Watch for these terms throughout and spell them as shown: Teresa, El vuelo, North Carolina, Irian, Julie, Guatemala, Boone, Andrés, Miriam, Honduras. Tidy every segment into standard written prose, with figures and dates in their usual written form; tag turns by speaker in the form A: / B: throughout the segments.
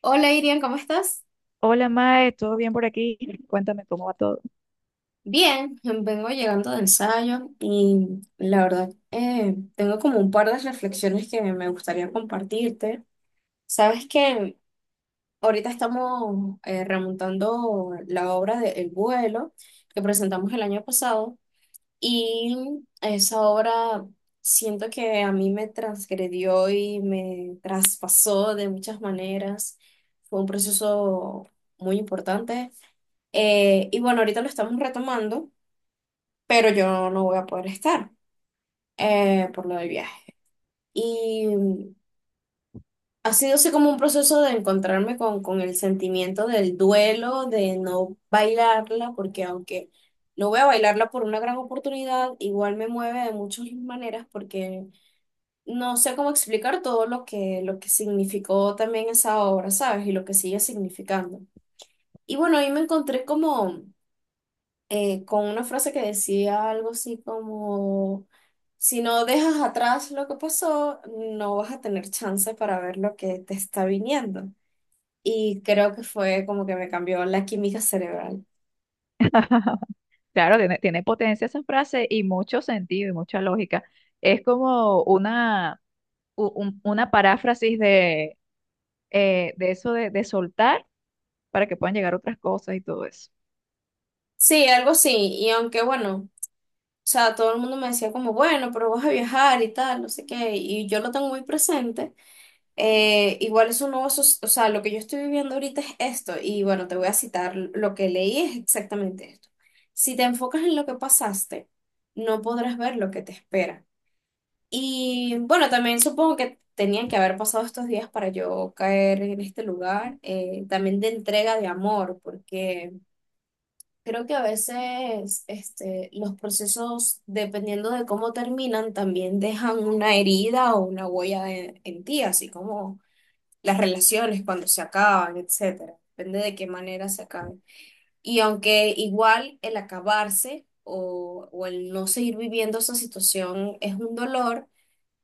A: Hola Irian, ¿cómo estás?
B: Hola Mae, ¿todo bien por aquí? Cuéntame cómo va todo.
A: Bien, vengo llegando de ensayo y la verdad tengo como un par de reflexiones que me gustaría compartirte. Sabes que ahorita estamos remontando la obra de El vuelo que presentamos el año pasado, y esa obra siento que a mí me transgredió y me traspasó de muchas maneras. Fue un proceso muy importante. Y bueno, ahorita lo estamos retomando, pero yo no voy a poder estar por lo del viaje. Y mm, ha sido así como un proceso de encontrarme con el sentimiento del duelo, de no bailarla, porque aunque no voy a bailarla por una gran oportunidad, igual me mueve de muchas maneras, porque no sé cómo explicar todo lo que significó también esa obra, ¿sabes? Y lo que sigue significando. Y bueno, ahí me encontré como con una frase que decía algo así como, si no dejas atrás lo que pasó, no vas a tener chance para ver lo que te está viniendo. Y creo que fue como que me cambió la química cerebral.
B: Claro, tiene potencia esa frase y mucho sentido y mucha lógica. Es como una, una paráfrasis de eso de soltar para que puedan llegar otras cosas y todo eso.
A: Sí, algo así. Y aunque bueno, o sea, todo el mundo me decía como, bueno, pero vas a viajar y tal, no sé qué. Y yo lo tengo muy presente. Igual es un nuevo, o sea, lo que yo estoy viviendo ahorita es esto, y bueno, te voy a citar, lo que leí es exactamente esto. Si te enfocas en lo que pasaste, no podrás ver lo que te espera. Y bueno, también supongo que tenían que haber pasado estos días para yo caer en este lugar, también de entrega de amor, porque creo que a veces este, los procesos, dependiendo de cómo terminan, también dejan una herida o una huella en ti, así como las relaciones cuando se acaban, etcétera. Depende de qué manera se acaben. Y aunque igual el acabarse o el no seguir viviendo esa situación es un dolor,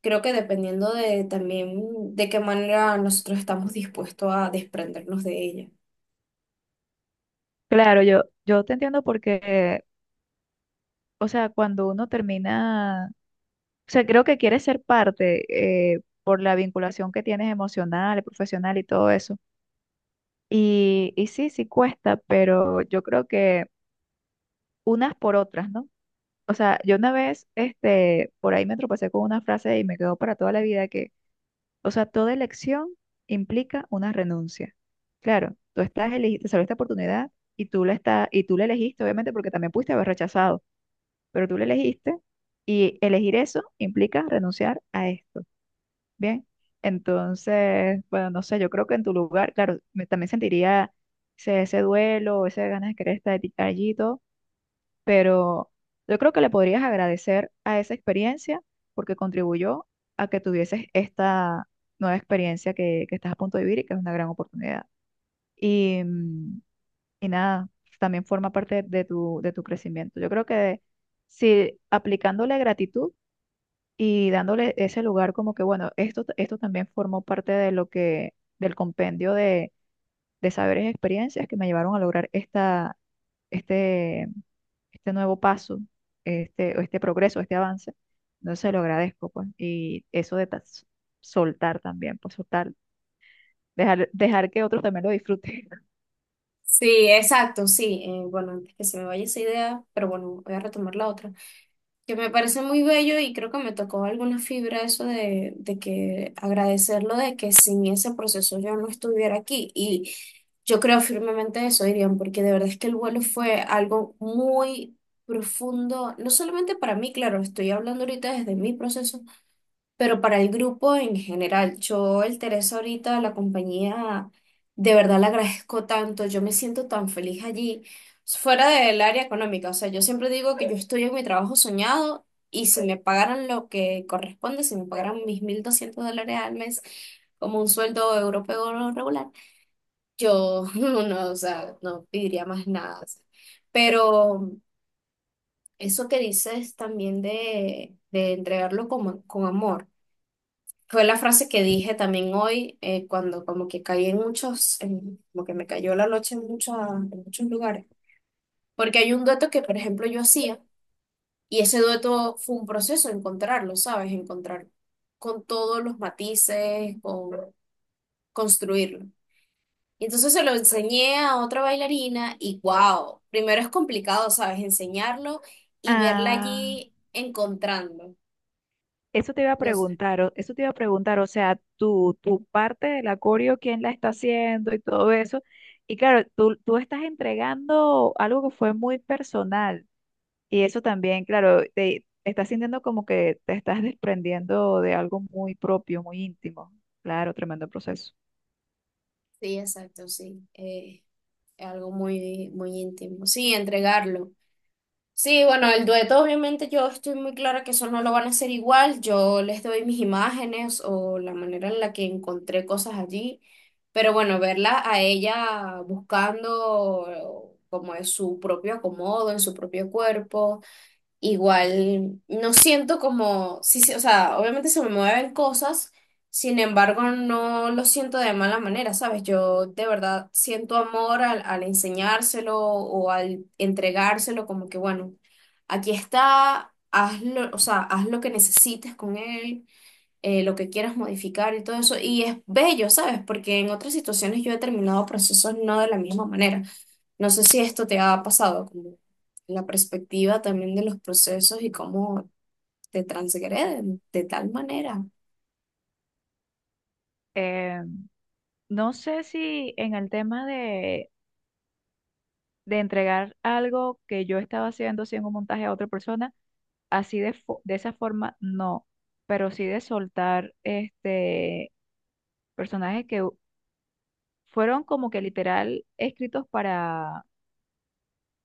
A: creo que dependiendo de también de qué manera nosotros estamos dispuestos a desprendernos de ella.
B: Claro, yo te entiendo porque, o sea, cuando uno termina, o sea, creo que quieres ser parte por la vinculación que tienes emocional, profesional y todo eso. Y sí, sí cuesta, pero yo creo que unas por otras, ¿no? O sea, yo una vez, este, por ahí me tropecé con una frase y me quedó para toda la vida que, o sea, toda elección implica una renuncia. Claro, te salió esta oportunidad y y tú la elegiste, obviamente, porque también pudiste haber rechazado, pero tú la elegiste y elegir eso implica renunciar a esto. Bien, entonces, bueno, no sé, yo creo que en tu lugar, claro, también sentiría ese, ese duelo, ese ganas de querer estar allí pero yo creo que le podrías agradecer a esa experiencia porque contribuyó a que tuvieses esta nueva experiencia que estás a punto de vivir y que es una gran oportunidad. Y, mm, y nada, también forma parte de tu crecimiento. Yo creo que si aplicándole gratitud y dándole ese lugar como que, bueno, esto también formó parte de lo que, del compendio de saberes y experiencias que me llevaron a lograr esta, este este nuevo paso, este, o este progreso, este avance. No se lo agradezco, pues. Y eso de soltar también, pues soltar, dejar, dejar que otros también lo disfruten.
A: Sí, exacto, sí. Bueno, antes que se me vaya esa idea, pero bueno, voy a retomar la otra, que me parece muy bello, y creo que me tocó alguna fibra eso de que agradecerlo, de que sin ese proceso yo no estuviera aquí. Y yo creo firmemente eso, Irian, porque de verdad es que El vuelo fue algo muy profundo, no solamente para mí, claro, estoy hablando ahorita desde mi proceso, pero para el grupo en general. Yo el Teresa ahorita, la compañía, de verdad la agradezco tanto, yo me siento tan feliz allí, fuera del área económica. O sea, yo siempre digo que yo estoy en mi trabajo soñado, y si me pagaran lo que corresponde, si me pagaran mis $1.200 al mes como un sueldo europeo regular, yo no, o sea, no pediría más nada. O sea. Pero eso que dices también de entregarlo con amor. Fue la frase que dije también hoy, cuando como que caí en muchos, como que me cayó la noche en, en muchos lugares. Porque hay un dueto que, por ejemplo, yo hacía, y ese dueto fue un proceso encontrarlo, ¿sabes? Encontrar con todos los matices, con construirlo. Y entonces se lo enseñé a otra bailarina, y wow, primero es complicado, ¿sabes? Enseñarlo y verla
B: Ah,
A: allí encontrando.
B: eso te iba a
A: No sé.
B: preguntar, eso te iba a preguntar, o sea, tú, tu parte del acorio, quién la está haciendo y todo eso. Y claro, tú estás entregando algo que fue muy personal. Y eso también, claro, te estás sintiendo como que te estás desprendiendo de algo muy propio, muy íntimo. Claro, tremendo proceso.
A: Sí, exacto, sí. Es algo muy, muy íntimo. Sí, entregarlo. Sí, bueno, el dueto obviamente yo estoy muy clara que eso no lo van a hacer igual. Yo les doy mis imágenes o la manera en la que encontré cosas allí. Pero bueno, verla a ella buscando como es su propio acomodo, en su propio cuerpo. Igual no siento como, sí, sí, o sea, obviamente se me mueven cosas, sin embargo no lo siento de mala manera, ¿sabes? Yo de verdad siento amor al enseñárselo o al entregárselo, como que bueno, aquí está, hazlo, o sea, haz lo que necesites con él, lo que quieras modificar y todo eso. Y es bello, ¿sabes? Porque en otras situaciones yo he terminado procesos no de la misma manera. No sé si esto te ha pasado, como la perspectiva también de los procesos y cómo te transgreden de tal manera.
B: Eh, no sé si en el tema de entregar algo que yo estaba haciendo, sin un montaje a otra persona, así de, de esa forma, no, pero sí de soltar este personajes que fueron como que literal escritos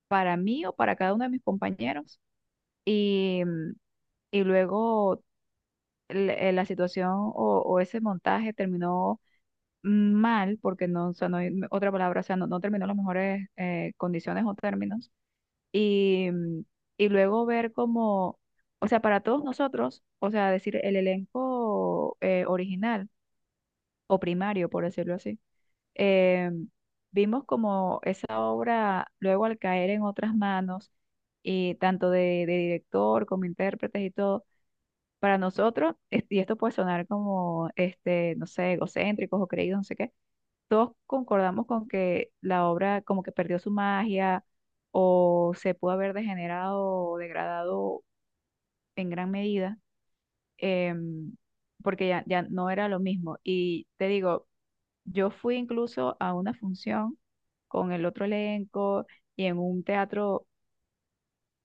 B: para mí o para cada uno de mis compañeros. Y, mm, y luego la situación o ese montaje terminó mal, porque no, o sea, no hay no, otra palabra, o sea, no, no terminó en las mejores condiciones o términos. Y, mm, y luego ver como, o sea, para todos nosotros, o sea, decir el elenco original o primario, por decirlo así, eh, vimos como esa obra luego al caer en otras manos, y tanto de director como intérpretes y todo para nosotros, y esto puede sonar como, este, no sé, egocéntricos o creídos, no sé qué, todos concordamos con que la obra como que perdió su magia o se pudo haber degenerado o degradado en gran medida, em, porque ya, ya no era lo mismo. Y te digo, yo fui incluso a una función con el otro elenco y en un teatro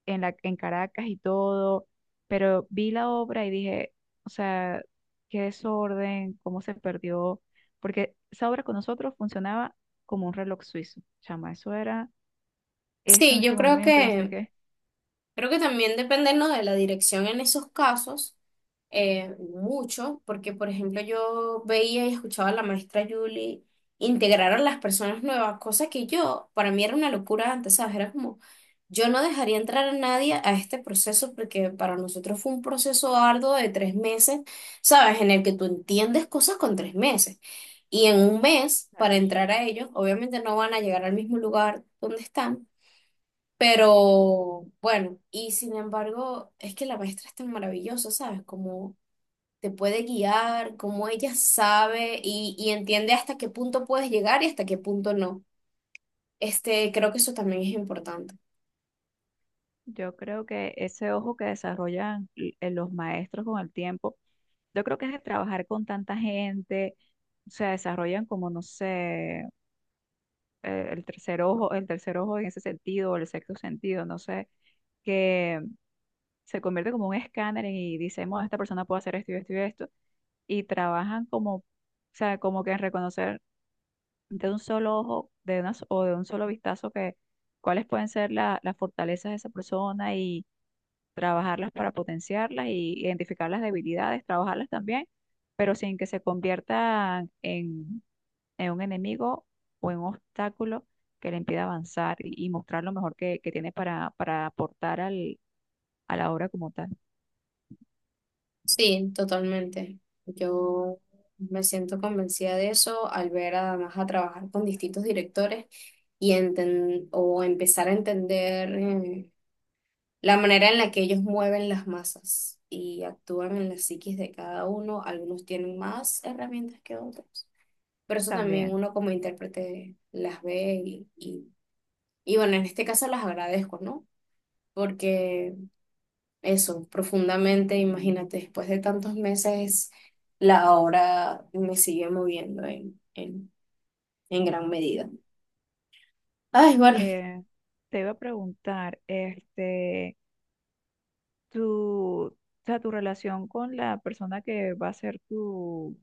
B: en la, en Caracas y todo, pero vi la obra y dije, o sea, qué desorden, cómo se perdió, porque esa obra con nosotros funcionaba como un reloj suizo, chama, eso era esto en
A: Sí, yo
B: este
A: creo
B: momento, no sé
A: que
B: qué.
A: creo que también dependernos de la dirección en esos casos, mucho, porque por ejemplo yo veía y escuchaba a la maestra Julie integrar a las personas nuevas, cosa que yo, para mí era una locura antes, ¿sabes? Era como, yo no dejaría entrar a nadie a este proceso porque para nosotros fue un proceso arduo de 3 meses, ¿sabes? En el que tú entiendes cosas con 3 meses. Y en 1 mes,
B: O
A: para entrar a ellos, obviamente no van a llegar al mismo lugar donde están, pero bueno. Y sin embargo, es que la maestra es tan maravillosa, ¿sabes? Como te puede guiar, como ella sabe y entiende hasta qué punto puedes llegar y hasta qué punto no. Este, creo que eso también es importante.
B: yo creo que ese ojo que desarrollan los maestros con el tiempo, yo creo que es de trabajar con tanta gente, se desarrollan como, no sé, el tercer ojo en ese sentido, o el sexto sentido, no sé, que se convierte como un escáner y dicen, bueno, esta persona puede hacer esto y esto y esto, y trabajan como, o sea, como que en reconocer de un solo ojo, de una, o de un solo vistazo que cuáles pueden ser las fortalezas de esa persona y trabajarlas para potenciarlas y identificar las debilidades, trabajarlas también, pero sin que se conviertan en un enemigo o en un obstáculo que le impida avanzar y mostrar lo mejor que tiene para aportar al, a la obra como tal.
A: Sí, totalmente. Yo me siento convencida de eso al ver además a trabajar con distintos directores y o empezar a entender la manera en la que ellos mueven las masas y actúan en las psiquis de cada uno. Algunos tienen más herramientas que otros, pero eso también
B: También.
A: uno como intérprete las ve y bueno, en este caso las agradezco, ¿no? Porque eso, profundamente, imagínate, después de tantos meses, la obra me sigue moviendo en gran medida. Ay, bueno,
B: Eh, te iba a preguntar, este, tu, o sea, tu relación con la persona que va a ser tu,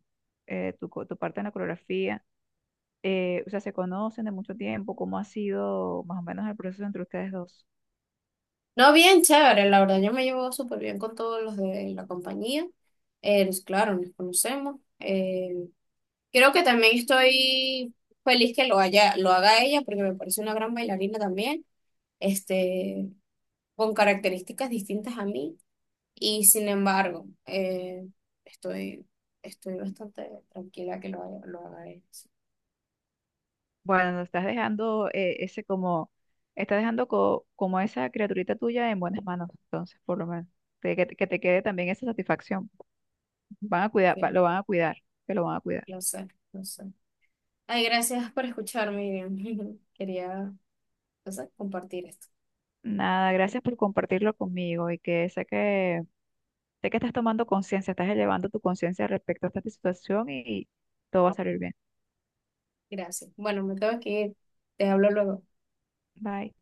B: tu, tu parte en la coreografía, o sea, ¿se conocen de mucho tiempo? ¿Cómo ha sido más o menos el proceso entre ustedes dos?
A: no, bien chévere, la verdad, yo me llevo súper bien con todos los de la compañía. Claro, nos conocemos. Creo que también estoy feliz que lo lo haga ella, porque me parece una gran bailarina también, este, con características distintas a mí. Y sin embargo, estoy, estoy bastante tranquila que lo lo haga ella. Sí.
B: Bueno, nos estás dejando ese como, estás dejando como esa criaturita tuya en buenas manos, entonces, por lo menos, de que te quede también esa satisfacción. Van a cuidar,
A: Ok,
B: lo van a cuidar, que lo van a cuidar.
A: lo sé, lo sé. Ay, gracias por escucharme, Miriam. Quería, no sé, compartir esto.
B: Nada, gracias por compartirlo conmigo y que sé que, sé que estás tomando conciencia, estás elevando tu conciencia respecto a esta situación y todo va a salir bien.
A: Gracias. Bueno, me tengo que ir. Te hablo luego.
B: Bye.